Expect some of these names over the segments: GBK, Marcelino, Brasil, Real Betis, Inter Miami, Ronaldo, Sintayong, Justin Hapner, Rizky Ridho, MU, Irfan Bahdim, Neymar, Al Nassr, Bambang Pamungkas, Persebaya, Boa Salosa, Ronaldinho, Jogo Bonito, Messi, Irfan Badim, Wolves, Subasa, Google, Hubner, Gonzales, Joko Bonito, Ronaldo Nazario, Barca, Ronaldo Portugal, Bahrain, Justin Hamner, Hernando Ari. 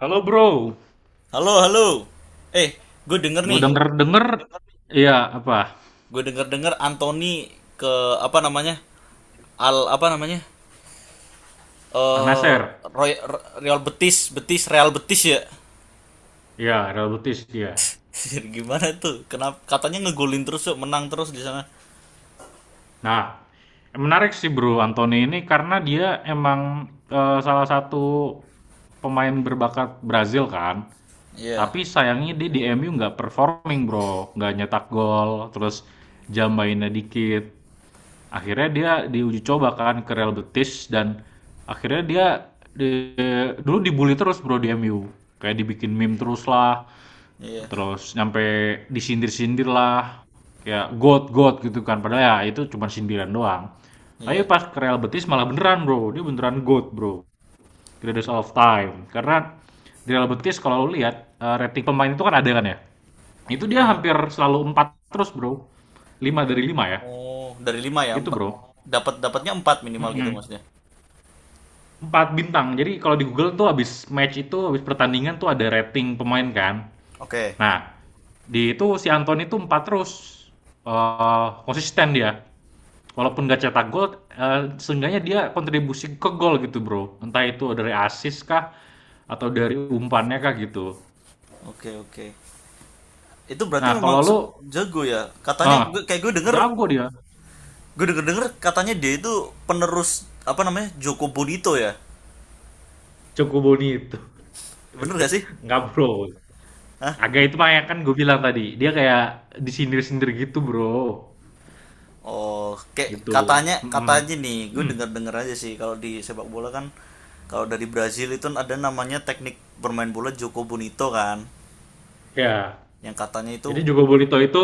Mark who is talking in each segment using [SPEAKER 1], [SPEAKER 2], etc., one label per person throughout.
[SPEAKER 1] Halo bro,
[SPEAKER 2] Halo, halo. Eh, gue denger
[SPEAKER 1] gue
[SPEAKER 2] nih.
[SPEAKER 1] denger-denger, iya apa,
[SPEAKER 2] Gue denger-denger Anthony ke apa namanya? Al apa namanya? Eh,
[SPEAKER 1] Anaser,
[SPEAKER 2] Roy- Real Betis, Real Betis ya.
[SPEAKER 1] iya Real Betis dia.
[SPEAKER 2] Gimana tuh? Kenapa katanya ngegolin terus yuk, menang terus di sana.
[SPEAKER 1] Nah, menarik sih bro Anthony ini karena dia emang salah satu pemain berbakat Brazil kan,
[SPEAKER 2] Iya.
[SPEAKER 1] tapi sayangnya dia di MU nggak performing bro, nggak nyetak gol, terus jam mainnya dikit. Akhirnya dia diuji coba kan ke Real Betis dan akhirnya dia dulu dibully terus bro di MU. Kayak dibikin meme terus lah,
[SPEAKER 2] Iya.
[SPEAKER 1] terus nyampe disindir-sindir lah, kayak god god gitu kan. Padahal ya itu cuma sindiran doang. Tapi
[SPEAKER 2] Iya.
[SPEAKER 1] pas ke Real Betis malah beneran bro, dia beneran god bro. Greatest of time. Karena di Real Betis kalau lu lihat rating pemain itu kan ada kan ya. Itu dia
[SPEAKER 2] Mm.
[SPEAKER 1] hampir selalu 4 terus bro, 5 dari 5 ya.
[SPEAKER 2] Oh, dari 5 ya,
[SPEAKER 1] Gitu
[SPEAKER 2] empat.
[SPEAKER 1] bro.
[SPEAKER 2] Dapat dapatnya 4 minimal gitu
[SPEAKER 1] Mm-mm.
[SPEAKER 2] maksudnya.
[SPEAKER 1] Empat bintang. Jadi kalau di Google tuh habis match itu, habis pertandingan tuh ada rating pemain kan.
[SPEAKER 2] Oke.
[SPEAKER 1] Nah, di itu si Anton itu empat terus. Konsisten dia. Walaupun nggak cetak gol, eh, seenggaknya dia kontribusi ke gol gitu bro. Entah itu dari asis kah, atau dari umpannya kah gitu.
[SPEAKER 2] Oke, oke. Itu berarti
[SPEAKER 1] Nah,
[SPEAKER 2] memang
[SPEAKER 1] kalau lu,
[SPEAKER 2] jago ya. Katanya
[SPEAKER 1] ah
[SPEAKER 2] gue, kayak gue denger.
[SPEAKER 1] jago dia.
[SPEAKER 2] Gue denger denger katanya dia itu penerus apa namanya Joko Bonito ya,
[SPEAKER 1] Cukup Boni itu.
[SPEAKER 2] bener gak sih?
[SPEAKER 1] Nggak bro.
[SPEAKER 2] Hah?
[SPEAKER 1] Agak itu mah yang kan gue bilang tadi. Dia kayak disindir-sindir gitu bro.
[SPEAKER 2] Oh, kayak
[SPEAKER 1] Gitu.
[SPEAKER 2] katanya
[SPEAKER 1] Mm-mm.
[SPEAKER 2] katanya nih, gue denger denger aja sih kalau di sepak bola kan kalau dari Brazil itu ada namanya teknik bermain bola Joko Bonito kan,
[SPEAKER 1] Ya.
[SPEAKER 2] yang katanya itu
[SPEAKER 1] Jadi Jogo Bonito itu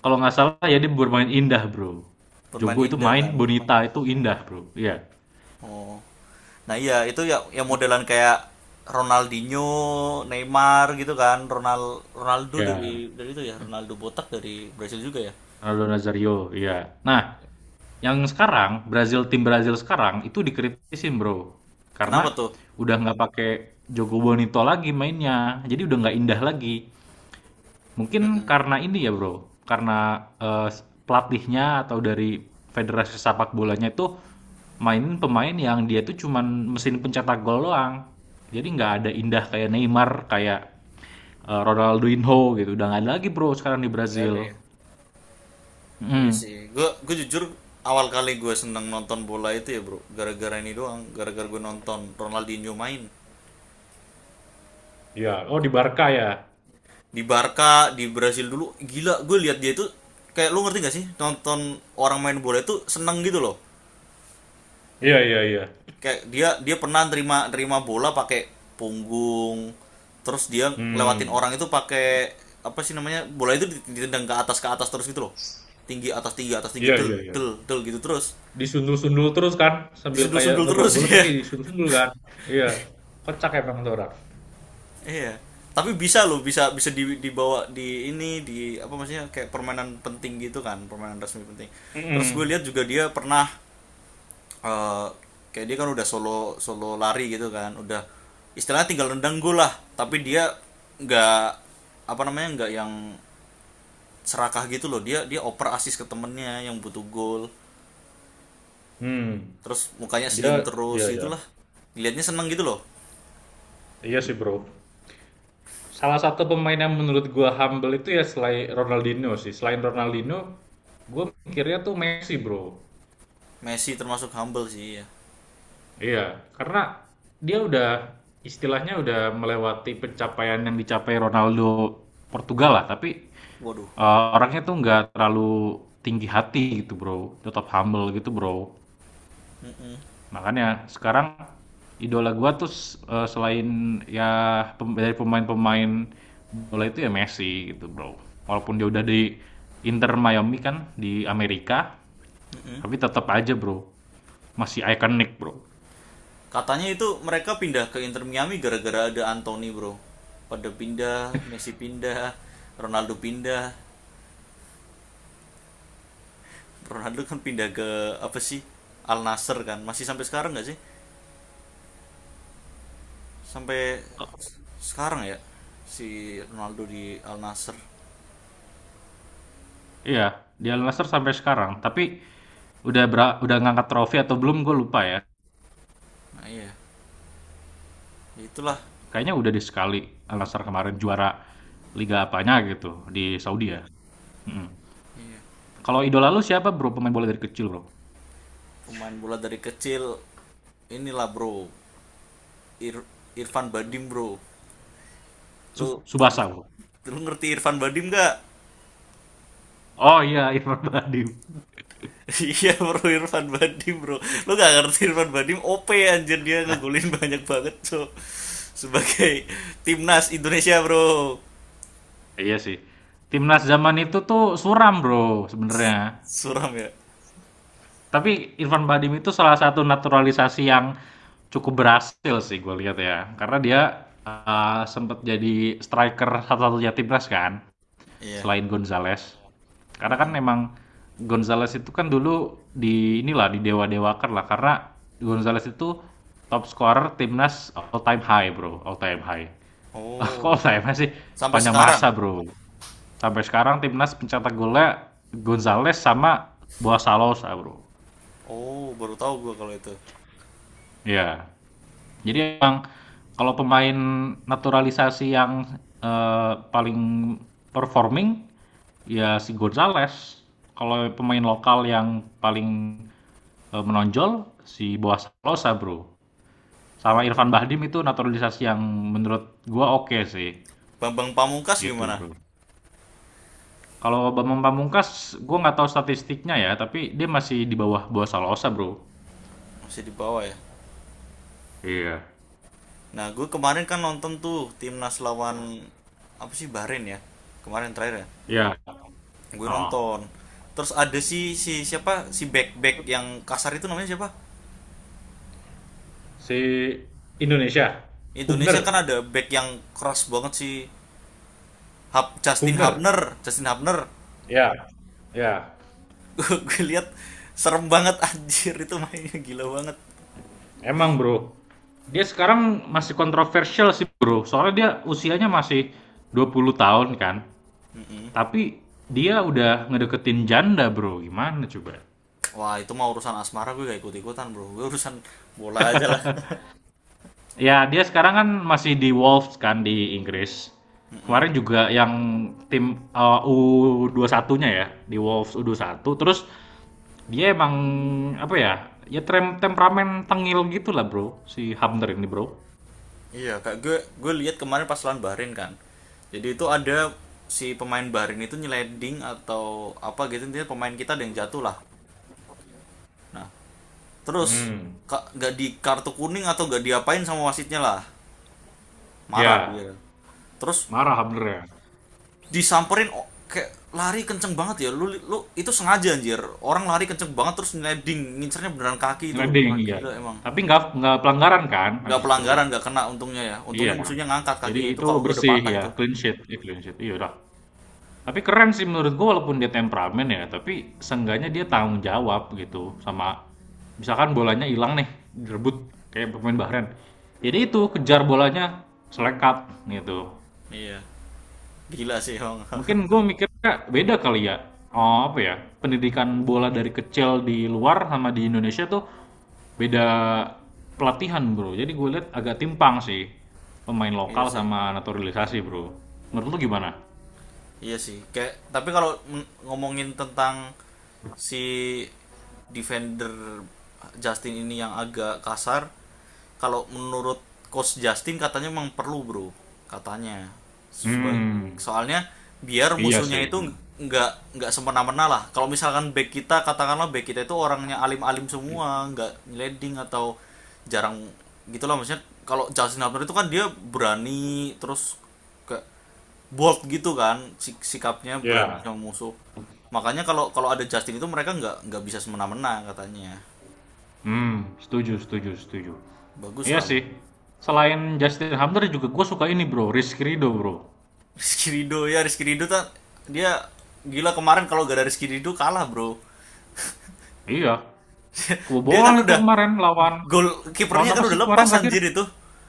[SPEAKER 1] kalau nggak salah ya dia bermain indah bro.
[SPEAKER 2] bermain
[SPEAKER 1] Jogo itu
[SPEAKER 2] indah
[SPEAKER 1] main,
[SPEAKER 2] kan.
[SPEAKER 1] Bonita itu indah bro. Iya.
[SPEAKER 2] Oh, nah iya itu ya yang modelan kayak Ronaldinho, Neymar gitu kan, Ronaldo
[SPEAKER 1] Iya.
[SPEAKER 2] dari itu ya, Ronaldo botak dari Brazil juga ya.
[SPEAKER 1] Ronaldo Nazario. Iya. Nah, yang sekarang Brazil tim Brazil sekarang itu dikritisin bro, karena
[SPEAKER 2] Kenapa tuh?
[SPEAKER 1] udah nggak pakai Jogo Bonito lagi mainnya. Jadi udah nggak indah lagi. Mungkin
[SPEAKER 2] Mm-mm.
[SPEAKER 1] karena ini ya bro, karena eh, pelatihnya atau dari federasi sepak bolanya itu mainin pemain yang dia tuh cuman mesin pencetak gol doang. Jadi nggak ada indah kayak Neymar, kayak Ronaldinho gitu. Udah nggak ada lagi bro sekarang di
[SPEAKER 2] Nggak
[SPEAKER 1] Brazil.
[SPEAKER 2] ada ya. Iya
[SPEAKER 1] Mm.
[SPEAKER 2] sih, gue jujur awal kali gue seneng nonton bola itu ya bro gara-gara ini doang, gara-gara gue nonton Ronaldinho main
[SPEAKER 1] Iya, oh di Barca ya.
[SPEAKER 2] di Barca, di Brasil dulu. Gila, gue lihat dia itu, kayak lu ngerti gak sih nonton orang main bola itu seneng gitu loh.
[SPEAKER 1] Iya, iya, iya.
[SPEAKER 2] Kayak dia dia pernah terima terima bola pakai punggung, terus dia lewatin
[SPEAKER 1] Hmm,
[SPEAKER 2] orang itu pakai apa sih namanya, bola itu ditendang ke atas terus gitu loh, tinggi atas tinggi atas tinggi
[SPEAKER 1] iya, iya,
[SPEAKER 2] del
[SPEAKER 1] iya.
[SPEAKER 2] del del gitu terus
[SPEAKER 1] Disundul-sundul terus kan, sambil kayak
[SPEAKER 2] disundul-sundul
[SPEAKER 1] ngebawa
[SPEAKER 2] terus
[SPEAKER 1] bola
[SPEAKER 2] ya.
[SPEAKER 1] tapi disundul-sundul kan. Iya, kocak emang tuh orang.
[SPEAKER 2] Iya. Tapi bisa loh, bisa bisa dibawa di ini, di apa maksudnya kayak permainan penting gitu kan, permainan resmi penting. Terus gue
[SPEAKER 1] Mm-mm.
[SPEAKER 2] lihat juga dia pernah eh, kayak dia kan udah solo solo lari gitu kan, udah istilahnya tinggal nendang gol lah, tapi dia nggak apa namanya, nggak yang serakah gitu loh, dia dia oper asis ke temennya yang butuh gol.
[SPEAKER 1] Hmm,
[SPEAKER 2] Terus mukanya
[SPEAKER 1] dia,
[SPEAKER 2] senyum terus
[SPEAKER 1] iya, iya.
[SPEAKER 2] gitulah. Dilihatnya seneng gitu loh.
[SPEAKER 1] Iya sih bro. Salah satu pemain yang menurut gue humble itu ya selain Ronaldinho sih. Selain Ronaldinho, gue mikirnya tuh Messi, Bro.
[SPEAKER 2] Messi termasuk humble sih ya.
[SPEAKER 1] Iya, karena dia udah istilahnya udah melewati pencapaian yang dicapai Ronaldo Portugal lah, tapi
[SPEAKER 2] Waduh.
[SPEAKER 1] orangnya tuh nggak terlalu tinggi hati gitu, Bro. Tetap humble gitu, Bro.
[SPEAKER 2] Mm-mm,
[SPEAKER 1] Makanya sekarang idola gue tuh selain ya dari pemain-pemain bola itu ya Messi gitu, Bro. Walaupun dia udah di Inter Miami kan di Amerika,
[SPEAKER 2] mm-mm.
[SPEAKER 1] tapi tetap aja, Bro. Masih ikonik, Bro.
[SPEAKER 2] Katanya itu mereka pindah ke Inter Miami gara-gara ada Anthony, Bro. Pada pindah, Messi pindah. Ronaldo kan pindah ke apa sih? Al Nassr kan. Masih sampai sekarang nggak sih? Sampai sekarang ya si Ronaldo di Al Nassr.
[SPEAKER 1] Iya, di Al Nassr sampai sekarang, tapi udah ngangkat trofi atau belum gue lupa ya.
[SPEAKER 2] Nah, iya. Itulah.
[SPEAKER 1] Kayaknya udah di sekali Al Nassr kemarin juara liga apanya gitu di Saudi ya. mm
[SPEAKER 2] Iya.
[SPEAKER 1] Kalau idola lu siapa, Bro, pemain bola dari kecil, Bro?
[SPEAKER 2] Pemain bola dari kecil inilah, Bro. Irfan Badim, Bro.
[SPEAKER 1] Su
[SPEAKER 2] Lu
[SPEAKER 1] Subasa, Bro.
[SPEAKER 2] lu ngerti Irfan Badim nggak?
[SPEAKER 1] Oh iya, Irfan Bahdim.
[SPEAKER 2] Iya bro, Irfan Badim bro. Lu gak ngerti Irfan Badim? OP anjir, dia ngegolin banyak banget so. Sebagai timnas Indonesia bro.
[SPEAKER 1] Iya sih. Timnas zaman itu tuh suram, Bro, sebenarnya.
[SPEAKER 2] Suram ya.
[SPEAKER 1] Tapi Irfan Bahdim itu salah satu naturalisasi yang cukup berhasil sih gue lihat ya. Karena dia sempat jadi striker satu-satunya timnas kan,
[SPEAKER 2] Iya.
[SPEAKER 1] selain Gonzales. Karena kan memang Gonzales itu kan dulu di inilah di dewa-dewakan lah karena Gonzales itu top scorer timnas all time high, Bro, all time high. Kok all
[SPEAKER 2] Oh.
[SPEAKER 1] time high sih?
[SPEAKER 2] Sampai
[SPEAKER 1] Sepanjang
[SPEAKER 2] sekarang.
[SPEAKER 1] masa, Bro. Sampai sekarang timnas pencetak golnya Gonzales sama Boa Salosa, Bro.
[SPEAKER 2] Oh baru tahu gua kalau itu.
[SPEAKER 1] Ya. Jadi emang kalau pemain naturalisasi yang paling performing ya si Gonzales. Kalau pemain lokal yang paling menonjol si Boa Salosa, Bro. Sama Irfan
[SPEAKER 2] Oh.
[SPEAKER 1] Bahdim itu naturalisasi yang menurut gua oke sih.
[SPEAKER 2] Bambang Pamungkas
[SPEAKER 1] Gitu,
[SPEAKER 2] gimana?
[SPEAKER 1] Bro. Kalau Bambang Pamungkas, gua nggak tahu statistiknya ya, tapi dia masih di bawah Boa Salosa, Bro.
[SPEAKER 2] Masih di bawah ya.
[SPEAKER 1] Iya.
[SPEAKER 2] Nah gue kemarin kan nonton tuh timnas lawan, apa sih, Bahrain ya. Kemarin terakhir ya.
[SPEAKER 1] Ya.
[SPEAKER 2] Gue
[SPEAKER 1] Oh.
[SPEAKER 2] nonton. Terus ada si si siapa si back back yang kasar itu namanya siapa?
[SPEAKER 1] Si Indonesia, Hubner,
[SPEAKER 2] Indonesia kan ada back yang keras banget sih. Hap, Justin
[SPEAKER 1] Hubner.
[SPEAKER 2] Hapner, Justin Hapner.
[SPEAKER 1] Ya. Ya.
[SPEAKER 2] Gue lihat serem banget. Anjir itu mainnya gila banget.
[SPEAKER 1] Emang, Bro. Dia sekarang masih kontroversial sih, Bro. Soalnya dia usianya masih 20 tahun kan. Tapi dia udah ngedeketin janda, Bro. Gimana coba?
[SPEAKER 2] Wah, itu mah urusan asmara, gue gak ikut-ikutan, Bro. Gue urusan bola aja lah.
[SPEAKER 1] Ya, dia sekarang kan masih di Wolves kan di Inggris. Kemarin juga yang tim eh, U21-nya ya, di Wolves U21, terus dia emang apa ya? Ya temperamen tengil gitu lah bro, si Hamner ini bro.
[SPEAKER 2] Iya, Kak. Gue lihat kemarin pas lawan Bahrain kan. Jadi itu ada si pemain Bahrain itu nyeleding atau apa gitu, intinya pemain kita ada yang jatuh lah. Nah, terus
[SPEAKER 1] Hmm,
[SPEAKER 2] nggak di kartu kuning atau gak diapain sama wasitnya lah. Marah
[SPEAKER 1] ya
[SPEAKER 2] dia. Terus
[SPEAKER 1] marah Hamner ya,
[SPEAKER 2] disamperin, oh, kayak lari kenceng banget ya lu, lu itu sengaja anjir, orang lari kenceng banget terus ngeleding, ngincernya beneran kaki itu
[SPEAKER 1] ngeleding
[SPEAKER 2] orang,
[SPEAKER 1] iya.
[SPEAKER 2] gila emang.
[SPEAKER 1] Tapi nggak pelanggaran kan
[SPEAKER 2] Nggak
[SPEAKER 1] habis itu.
[SPEAKER 2] pelanggaran, nggak kena untungnya ya,
[SPEAKER 1] Iya.
[SPEAKER 2] untungnya musuhnya ngangkat
[SPEAKER 1] Jadi
[SPEAKER 2] kakinya itu,
[SPEAKER 1] itu
[SPEAKER 2] kalau enggak udah
[SPEAKER 1] bersih
[SPEAKER 2] patah
[SPEAKER 1] ya,
[SPEAKER 2] itu.
[SPEAKER 1] clean sheet, ya, clean sheet. Iya udah. Tapi keren sih menurut gua walaupun dia temperamen ya, tapi seenggaknya dia tanggung jawab gitu sama misalkan bolanya hilang nih, direbut kayak pemain Bahrain. Jadi itu kejar bolanya selekat gitu.
[SPEAKER 2] Iya. Gila sih emang.
[SPEAKER 1] Mungkin gue mikirnya beda kali ya. Oh, apa ya? Pendidikan bola dari kecil di luar sama di Indonesia tuh beda pelatihan bro. Jadi gue lihat agak timpang sih pemain
[SPEAKER 2] Iya
[SPEAKER 1] lokal
[SPEAKER 2] sih.
[SPEAKER 1] sama naturalisasi bro. Menurut lu gimana?
[SPEAKER 2] Iya sih. Kayak tapi kalau ngomongin tentang si defender Justin ini yang agak kasar, kalau menurut coach Justin katanya memang perlu, Bro. Katanya. Seba-
[SPEAKER 1] Hmm,
[SPEAKER 2] soalnya biar
[SPEAKER 1] iya
[SPEAKER 2] musuhnya
[SPEAKER 1] sih.
[SPEAKER 2] itu
[SPEAKER 1] Hmm.
[SPEAKER 2] nggak nggak semena-mena lah. Kalau misalkan back kita, katakanlah back kita itu orangnya alim-alim semua, nggak nyeleding atau jarang gitulah maksudnya. Kalau Justin Hubner itu kan dia berani terus kayak bold gitu kan, sikapnya berani
[SPEAKER 1] Ya.
[SPEAKER 2] sama musuh, makanya kalau kalau ada Justin itu mereka nggak bisa semena-mena katanya.
[SPEAKER 1] Hmm, setuju, setuju, setuju.
[SPEAKER 2] Bagus
[SPEAKER 1] Iya
[SPEAKER 2] lah.
[SPEAKER 1] sih. Selain Justin Hamner juga gue suka ini bro, Rizky Ridho bro.
[SPEAKER 2] Rizky Ridho ya. Rizky Ridho kan dia gila kemarin, kalau gak ada Rizky Ridho kalah bro.
[SPEAKER 1] Iya,
[SPEAKER 2] Dia kan
[SPEAKER 1] kebobolan itu
[SPEAKER 2] udah
[SPEAKER 1] kemarin lawan
[SPEAKER 2] gol,
[SPEAKER 1] lawan
[SPEAKER 2] kipernya kan
[SPEAKER 1] apa
[SPEAKER 2] udah
[SPEAKER 1] sih kemarin
[SPEAKER 2] lepas
[SPEAKER 1] terakhir?
[SPEAKER 2] anjir itu.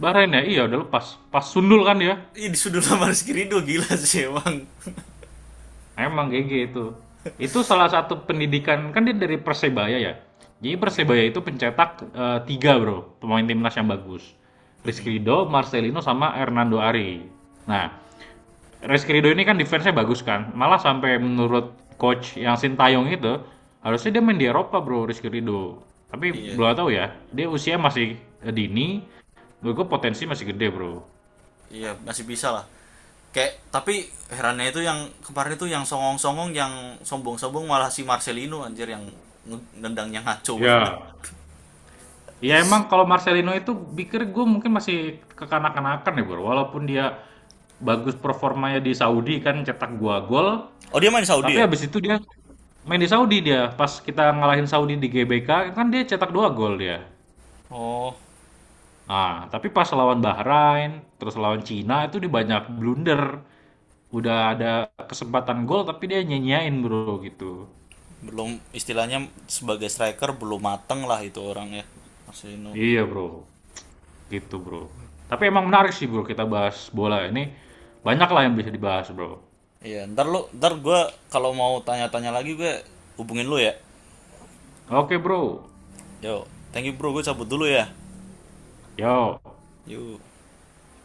[SPEAKER 1] Bahrain ya? Iya udah lepas. Pas sundul kan dia?
[SPEAKER 2] Ih, disudul sama Rizky Ridho, gila sih emang.
[SPEAKER 1] Emang GG itu. Itu salah satu pendidikan kan dia dari Persebaya ya. Jadi
[SPEAKER 2] Oke.
[SPEAKER 1] Persebaya itu pencetak tiga bro pemain timnas yang bagus.
[SPEAKER 2] Mm-mm.
[SPEAKER 1] Rizky Ridho, Marcelino sama Hernando Ari. Nah, Rizky Ridho ini kan defense-nya bagus kan. Malah sampai menurut coach yang Sintayong itu harusnya dia main di Eropa bro Rizky Ridho. Tapi
[SPEAKER 2] Iya.
[SPEAKER 1] belum tahu ya. Dia usia masih dini. Menurut gue potensi masih gede bro.
[SPEAKER 2] Iya, masih bisa lah. Kayak tapi herannya itu yang kemarin itu yang songong-songong, yang sombong-sombong malah si Marcelino anjir, yang nendangnya ngaco banget.
[SPEAKER 1] Ya, ya emang kalau Marcelino itu pikir gue mungkin masih kekanak-kanakan ya bro. Walaupun dia bagus performanya di Saudi kan cetak gua gol.
[SPEAKER 2] Oh dia main di Saudi
[SPEAKER 1] Tapi
[SPEAKER 2] ya?
[SPEAKER 1] habis itu dia main di Saudi dia. Pas kita ngalahin Saudi di GBK kan dia cetak dua gol dia.
[SPEAKER 2] Oh,
[SPEAKER 1] Nah tapi pas lawan Bahrain terus lawan Cina itu dia banyak blunder. Udah ada kesempatan gol tapi dia nyenyain bro gitu.
[SPEAKER 2] belum istilahnya sebagai striker belum mateng lah itu orangnya. Marcelino.
[SPEAKER 1] Iya bro, gitu bro. Tapi emang menarik sih bro kita bahas bola ini. Banyak lah yang bisa dibahas bro.
[SPEAKER 2] Iya, ntar lu ntar gue, kalau mau tanya-tanya lagi gue hubungin lu ya.
[SPEAKER 1] Oke bro.
[SPEAKER 2] Yo, thank you bro, gue cabut dulu ya.
[SPEAKER 1] Yo,
[SPEAKER 2] Yuk.